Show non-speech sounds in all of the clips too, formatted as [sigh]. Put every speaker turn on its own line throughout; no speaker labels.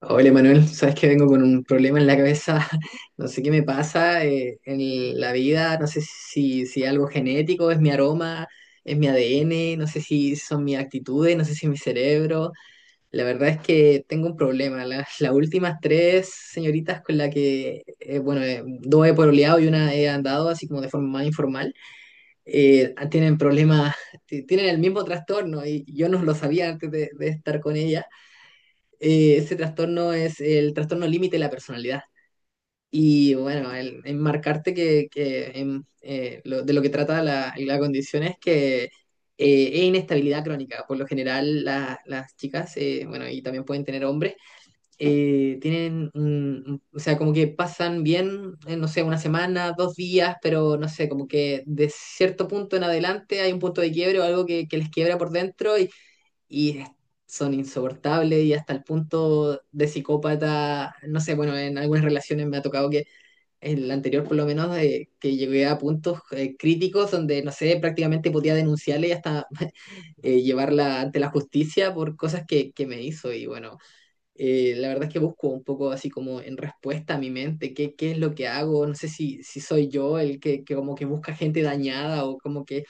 Hola Manuel, sabes que vengo con un problema en la cabeza. [laughs] No sé qué me pasa en la vida. No sé si algo genético, es mi aroma, es mi ADN, no sé si son mis actitudes, no sé si es mi cerebro. La verdad es que tengo un problema. Las últimas tres señoritas con las que, bueno, dos he pololeado y una he andado así como de forma más informal, tienen problemas, tienen el mismo trastorno y yo no lo sabía antes de estar con ella. Ese trastorno es el trastorno límite de la personalidad. Y bueno, el enmarcarte que de lo que trata la condición es que es inestabilidad crónica. Por lo general, las chicas, bueno, y también pueden tener hombres, tienen, o sea, como que pasan bien, no sé, una semana, dos días, pero no sé, como que de cierto punto en adelante hay un punto de quiebre o algo que les quiebra por dentro y es- son insoportables y hasta el punto de psicópata, no sé, bueno, en algunas relaciones me ha tocado que en la anterior por lo menos que llegué a puntos críticos donde, no sé, prácticamente podía denunciarle y hasta [laughs] llevarla ante la justicia por cosas que me hizo. Y bueno, la verdad es que busco un poco así como en respuesta a mi mente, qué es lo que hago, no sé si soy yo el que como que busca gente dañada o como que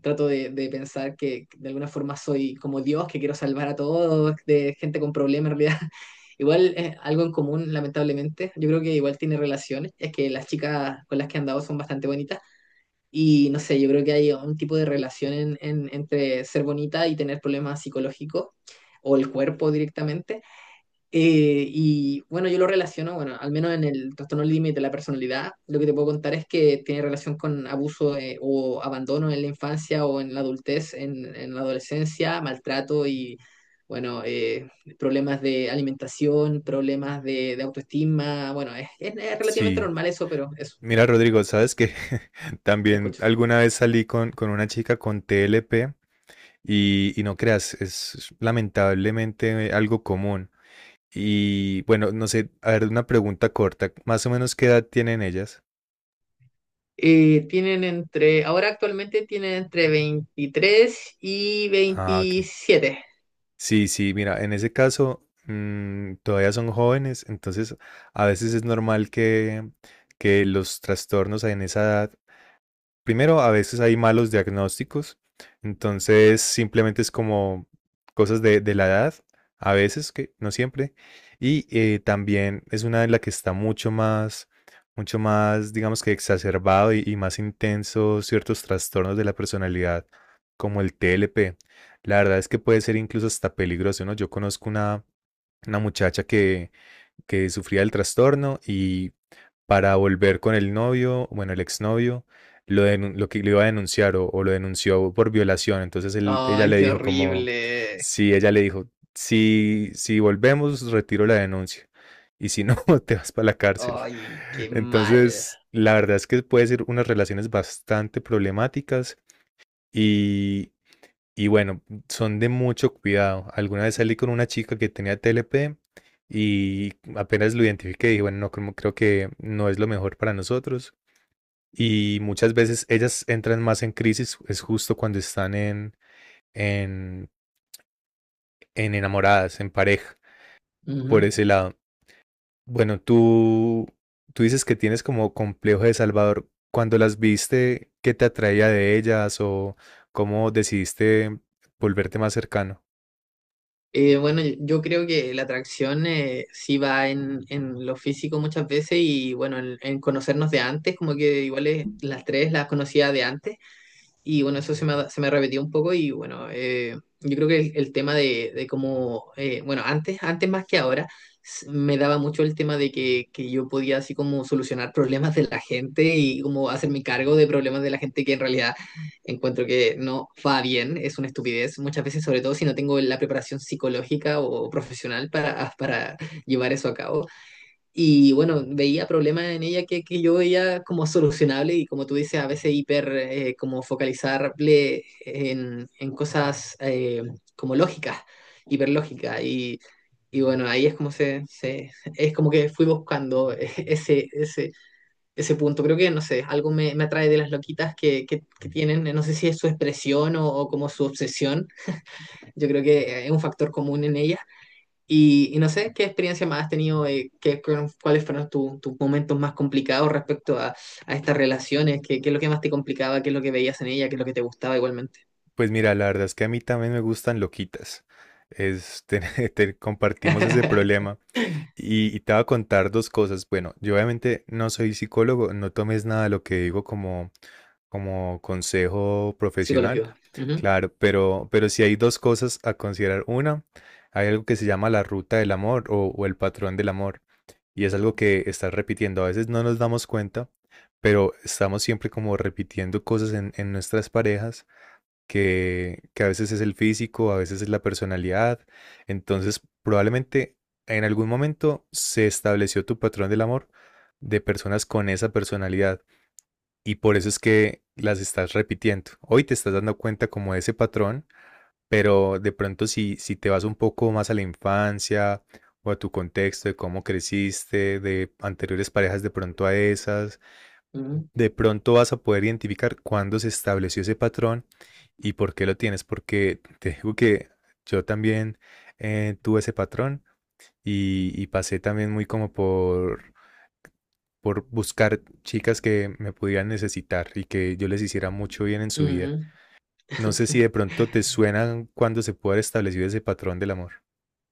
trato de pensar que de alguna forma soy como Dios, que quiero salvar a todos, de gente con problemas en realidad. [laughs] Igual es algo en común, lamentablemente. Yo creo que igual tiene relaciones. Es que las chicas con las que he andado son bastante bonitas. Y no sé, yo creo que hay un tipo de relación entre ser bonita y tener problemas psicológicos o el cuerpo directamente. Y bueno, yo lo relaciono, bueno, al menos en el trastorno límite de la personalidad, lo que te puedo contar es que tiene relación con abuso o abandono en la infancia o en la adultez, en la adolescencia, maltrato y, bueno, problemas de alimentación, problemas de autoestima, bueno, es relativamente
Sí,
normal eso, pero eso,
mira Rodrigo, sabes que [laughs]
te
también
escucho.
alguna vez salí con una chica con TLP y, no creas, es lamentablemente algo común. Y bueno, no sé, a ver, una pregunta corta, más o menos qué edad tienen ellas.
Tienen entre, ahora actualmente tienen entre 23 y
Ah, ok.
27.
Sí, sí, mira, en ese caso todavía son jóvenes, entonces a veces es normal que los trastornos en esa edad. Primero, a veces hay malos diagnósticos, entonces simplemente es como cosas de la edad, a veces, que no siempre, y también es una en la que está mucho más, digamos que exacerbado y, más intenso ciertos trastornos de la personalidad, como el TLP. La verdad es que puede ser incluso hasta peligroso, ¿no? Yo conozco una muchacha que sufría el trastorno y para volver con el novio, bueno, el exnovio, lo que le iba a denunciar o, lo denunció por violación. Ella
Ay,
le
qué
dijo como,
horrible.
si ella le dijo, si, si volvemos, retiro la denuncia. Y si no, [laughs] te vas para la cárcel.
Ay, qué mal.
Entonces, la verdad es que puede ser unas relaciones bastante problemáticas y, y bueno, son de mucho cuidado. Alguna vez salí con una chica que tenía TLP y apenas lo identifiqué, dije, bueno, no, creo que no es lo mejor para nosotros. Y muchas veces ellas entran más en crisis, es justo cuando están en, en enamoradas, en pareja, por
Ujú.
ese lado. Bueno, tú dices que tienes como complejo de Salvador. Cuando las viste, ¿qué te atraía de ellas o cómo decidiste volverte más cercano?
Bueno, yo creo que la atracción sí va en lo físico muchas veces y bueno, en conocernos de antes, como que igual las tres las conocía de antes. Y bueno, eso se se me repetió un poco y bueno, yo creo que el tema de cómo, bueno, antes, antes más que ahora, me daba mucho el tema de que yo podía así como solucionar problemas de la gente y como hacerme cargo de problemas de la gente que en realidad encuentro que no va bien, es una estupidez muchas veces, sobre todo si no tengo la preparación psicológica o profesional para llevar eso a cabo. Y bueno, veía problemas en ella que yo veía como solucionable y como tú dices, a veces hiper como focalizable en cosas como lógicas, hiperlógicas. Y bueno, ahí es como es como que fui buscando [laughs] ese punto. Creo que, no sé, algo me atrae de las loquitas que tienen, no sé si es su expresión o como su obsesión. Yo creo que es un factor común en ellas y no sé, ¿qué experiencia más has tenido? ¿ ¿Cuáles fueron tus momentos más complicados respecto a estas relaciones? ¿Qué es lo que más te complicaba? ¿Qué es lo que veías en ella? ¿Qué es lo que te gustaba igualmente?
Pues mira, la verdad es que a mí también me gustan loquitas. Es, [laughs] compartimos ese
[laughs]
problema. Y, te voy a contar dos cosas. Bueno, yo obviamente no soy psicólogo, no tomes nada de lo que digo como consejo profesional.
Psicológico.
Claro, pero sí hay dos cosas a considerar. Una, hay algo que se llama la ruta del amor o, el patrón del amor. Y es algo que estás repitiendo. A veces no nos damos cuenta, pero estamos siempre como repitiendo cosas en nuestras parejas que a veces es el físico, a veces es la personalidad. Entonces, probablemente en algún momento se estableció tu patrón del amor de personas con esa personalidad y por eso es que las estás repitiendo. Hoy te estás dando cuenta como de ese patrón, pero de pronto si te vas un poco más a la infancia o a tu contexto de cómo creciste, de anteriores parejas de pronto a esas
Ujú,
de pronto vas a poder identificar cuándo se estableció ese patrón y por qué lo tienes, porque te digo que yo también tuve ese patrón y, pasé también muy como por buscar chicas que me pudieran necesitar y que yo les hiciera mucho bien en su
ujú.
vida. No sé si de
[laughs]
pronto te suena cuando se puede haber establecido ese patrón del amor.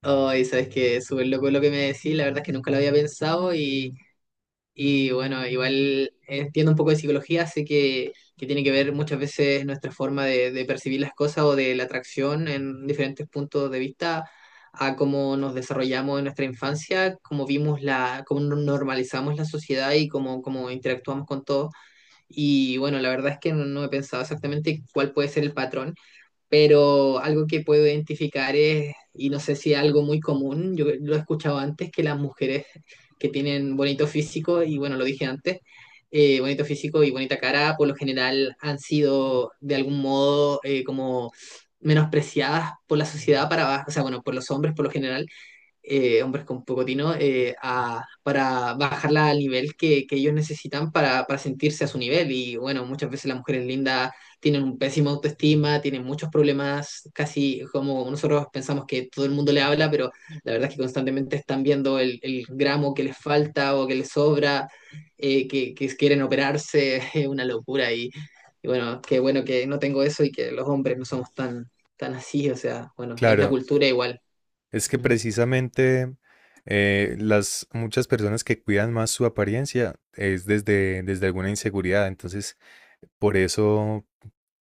Ay, sabes que súper loco lo que me decís, la verdad es que nunca lo había pensado. Y bueno, igual entiendo un poco de psicología, así que tiene que ver muchas veces nuestra forma de percibir las cosas o de la atracción en diferentes puntos de vista a cómo nos desarrollamos en nuestra infancia, cómo vimos la, cómo normalizamos la sociedad y cómo interactuamos con todo. Y bueno, la verdad es que no, no he pensado exactamente cuál puede ser el patrón, pero algo que puedo identificar es, y no sé si es algo muy común, yo lo he escuchado antes, que las mujeres que tienen bonito físico, y bueno, lo dije antes, bonito físico y bonita cara, por lo general han sido de algún modo como menospreciadas por la sociedad para abajo, o sea, bueno, por los hombres por lo general, hombres con poco tino, para bajarla al nivel que ellos necesitan para sentirse a su nivel. Y bueno, muchas veces las mujeres lindas tienen un pésimo autoestima, tienen muchos problemas, casi como nosotros pensamos que todo el mundo le habla, pero la verdad es que constantemente están viendo el gramo que les falta o que les sobra, que quieren operarse, [laughs] es una locura. Y bueno, qué bueno que no tengo eso y que los hombres no somos tan, tan así, o sea, bueno, es la
Claro,
cultura igual.
es que
Ujú.
precisamente las muchas personas que cuidan más su apariencia es desde alguna inseguridad, entonces por eso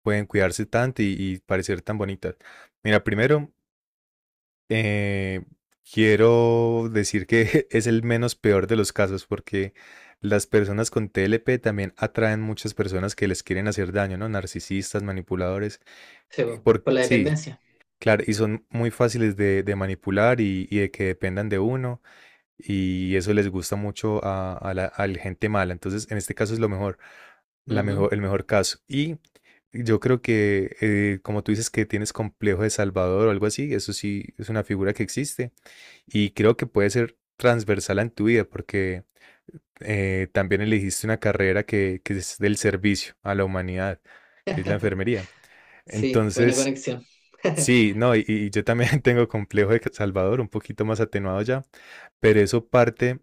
pueden cuidarse tanto y, parecer tan bonitas. Mira, primero eh, quiero decir que [laughs] es el menos peor de los casos porque las personas con TLP también atraen muchas personas que les quieren hacer daño, ¿no? Narcisistas, manipuladores.
Sí, po,
Por,
por la
sí,
dependencia.
claro, y son muy fáciles de manipular y, de que dependan de uno, y eso les gusta mucho a, a la gente mala. Entonces, en este caso es lo mejor, la
Ujú.
mejor, el mejor caso. Y yo creo que, como tú dices, que tienes complejo de Salvador o algo así, eso sí es una figura que existe, y creo que puede ser transversal en tu vida, porque también elegiste una carrera que es del servicio a la humanidad, que es la enfermería.
Sí, buena
Entonces,
conexión. [laughs]
sí, no, y, yo también [laughs] tengo complejo de Salvador, un poquito más atenuado ya, pero eso parte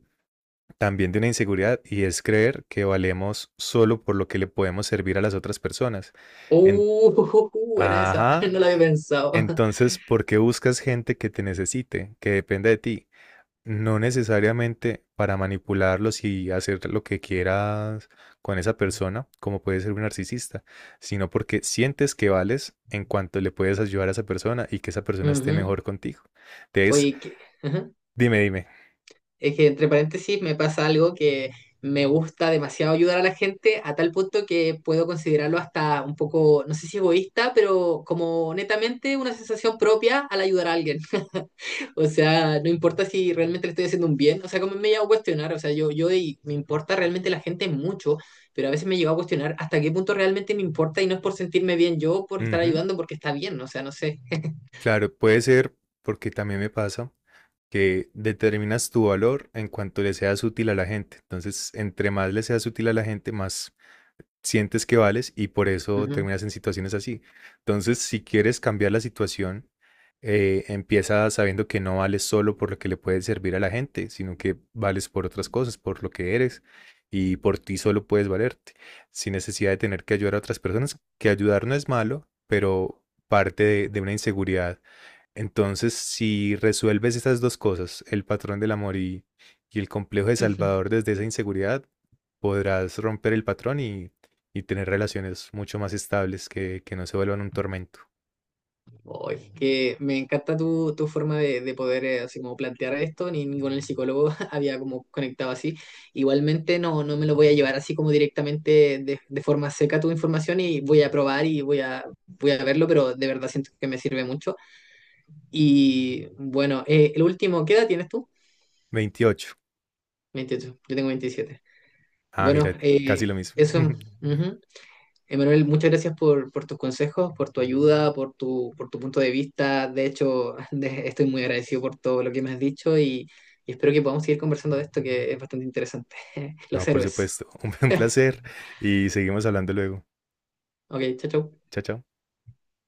también de una inseguridad y es creer que valemos solo por lo que le podemos servir a las otras personas. En-
Buena esa, [laughs]
ajá,
no la había pensado.
entonces, ¿por qué buscas gente que te necesite, que dependa de ti? No necesariamente para manipularlos y hacer lo que quieras con esa persona, como puede ser un narcisista, sino porque sientes que vales en cuanto le puedes ayudar a esa persona y que esa persona esté
Ujú.
mejor contigo. Entonces,
Oye, que, ajá.
dime, dime.
Es que entre paréntesis me pasa algo que me gusta demasiado ayudar a la gente a tal punto que puedo considerarlo hasta un poco, no sé si egoísta, pero como netamente una sensación propia al ayudar a alguien. O sea, no importa si realmente le estoy haciendo un bien. O sea, como me he llegado a cuestionar, o sea, yo y me importa realmente la gente mucho, pero a veces me he llegado a cuestionar hasta qué punto realmente me importa y no es por sentirme bien yo, por estar
Ujú.
ayudando, porque está bien, o sea, no sé.
Claro, puede ser porque también me pasa que determinas tu valor en cuanto le seas útil a la gente. Entonces, entre más le seas útil a la gente, más sientes que vales y por eso
Ujú.
terminas en situaciones así. Entonces, si quieres cambiar la situación, empieza sabiendo que no vales solo por lo que le puedes servir a la gente, sino que vales por otras cosas, por lo que eres y por ti solo puedes valerte, sin necesidad de tener que ayudar a otras personas, que ayudar no es malo, pero parte de una inseguridad entonces, si resuelves esas dos cosas, el patrón del amor y, el complejo de Salvador
[laughs]
desde esa inseguridad, podrás romper el patrón y, tener relaciones mucho más estables que no se vuelvan un tormento.
Oh, es que me encanta tu, tu forma de poder así como plantear esto, ni con el psicólogo [laughs] había como conectado así. Igualmente no, no me lo voy a llevar así como directamente de forma seca tu información y voy a probar y voy a, voy a verlo, pero de verdad siento que me sirve mucho. Y bueno, el último, ¿qué edad tienes tú?
28.
veintiocho, yo tengo 27.
Ah,
Bueno,
mira, casi lo mismo.
eso,
[laughs]
ujú. Emanuel, muchas gracias por tus consejos, por tu ayuda, por tu punto de vista. De hecho, [laughs] estoy muy agradecido por todo lo que me has dicho y espero que podamos seguir conversando de esto que es bastante interesante. [laughs]
No,
Los
por
héroes.
supuesto. [laughs] Un placer y seguimos hablando luego.
Ok, chao, chao.
Chao, chao.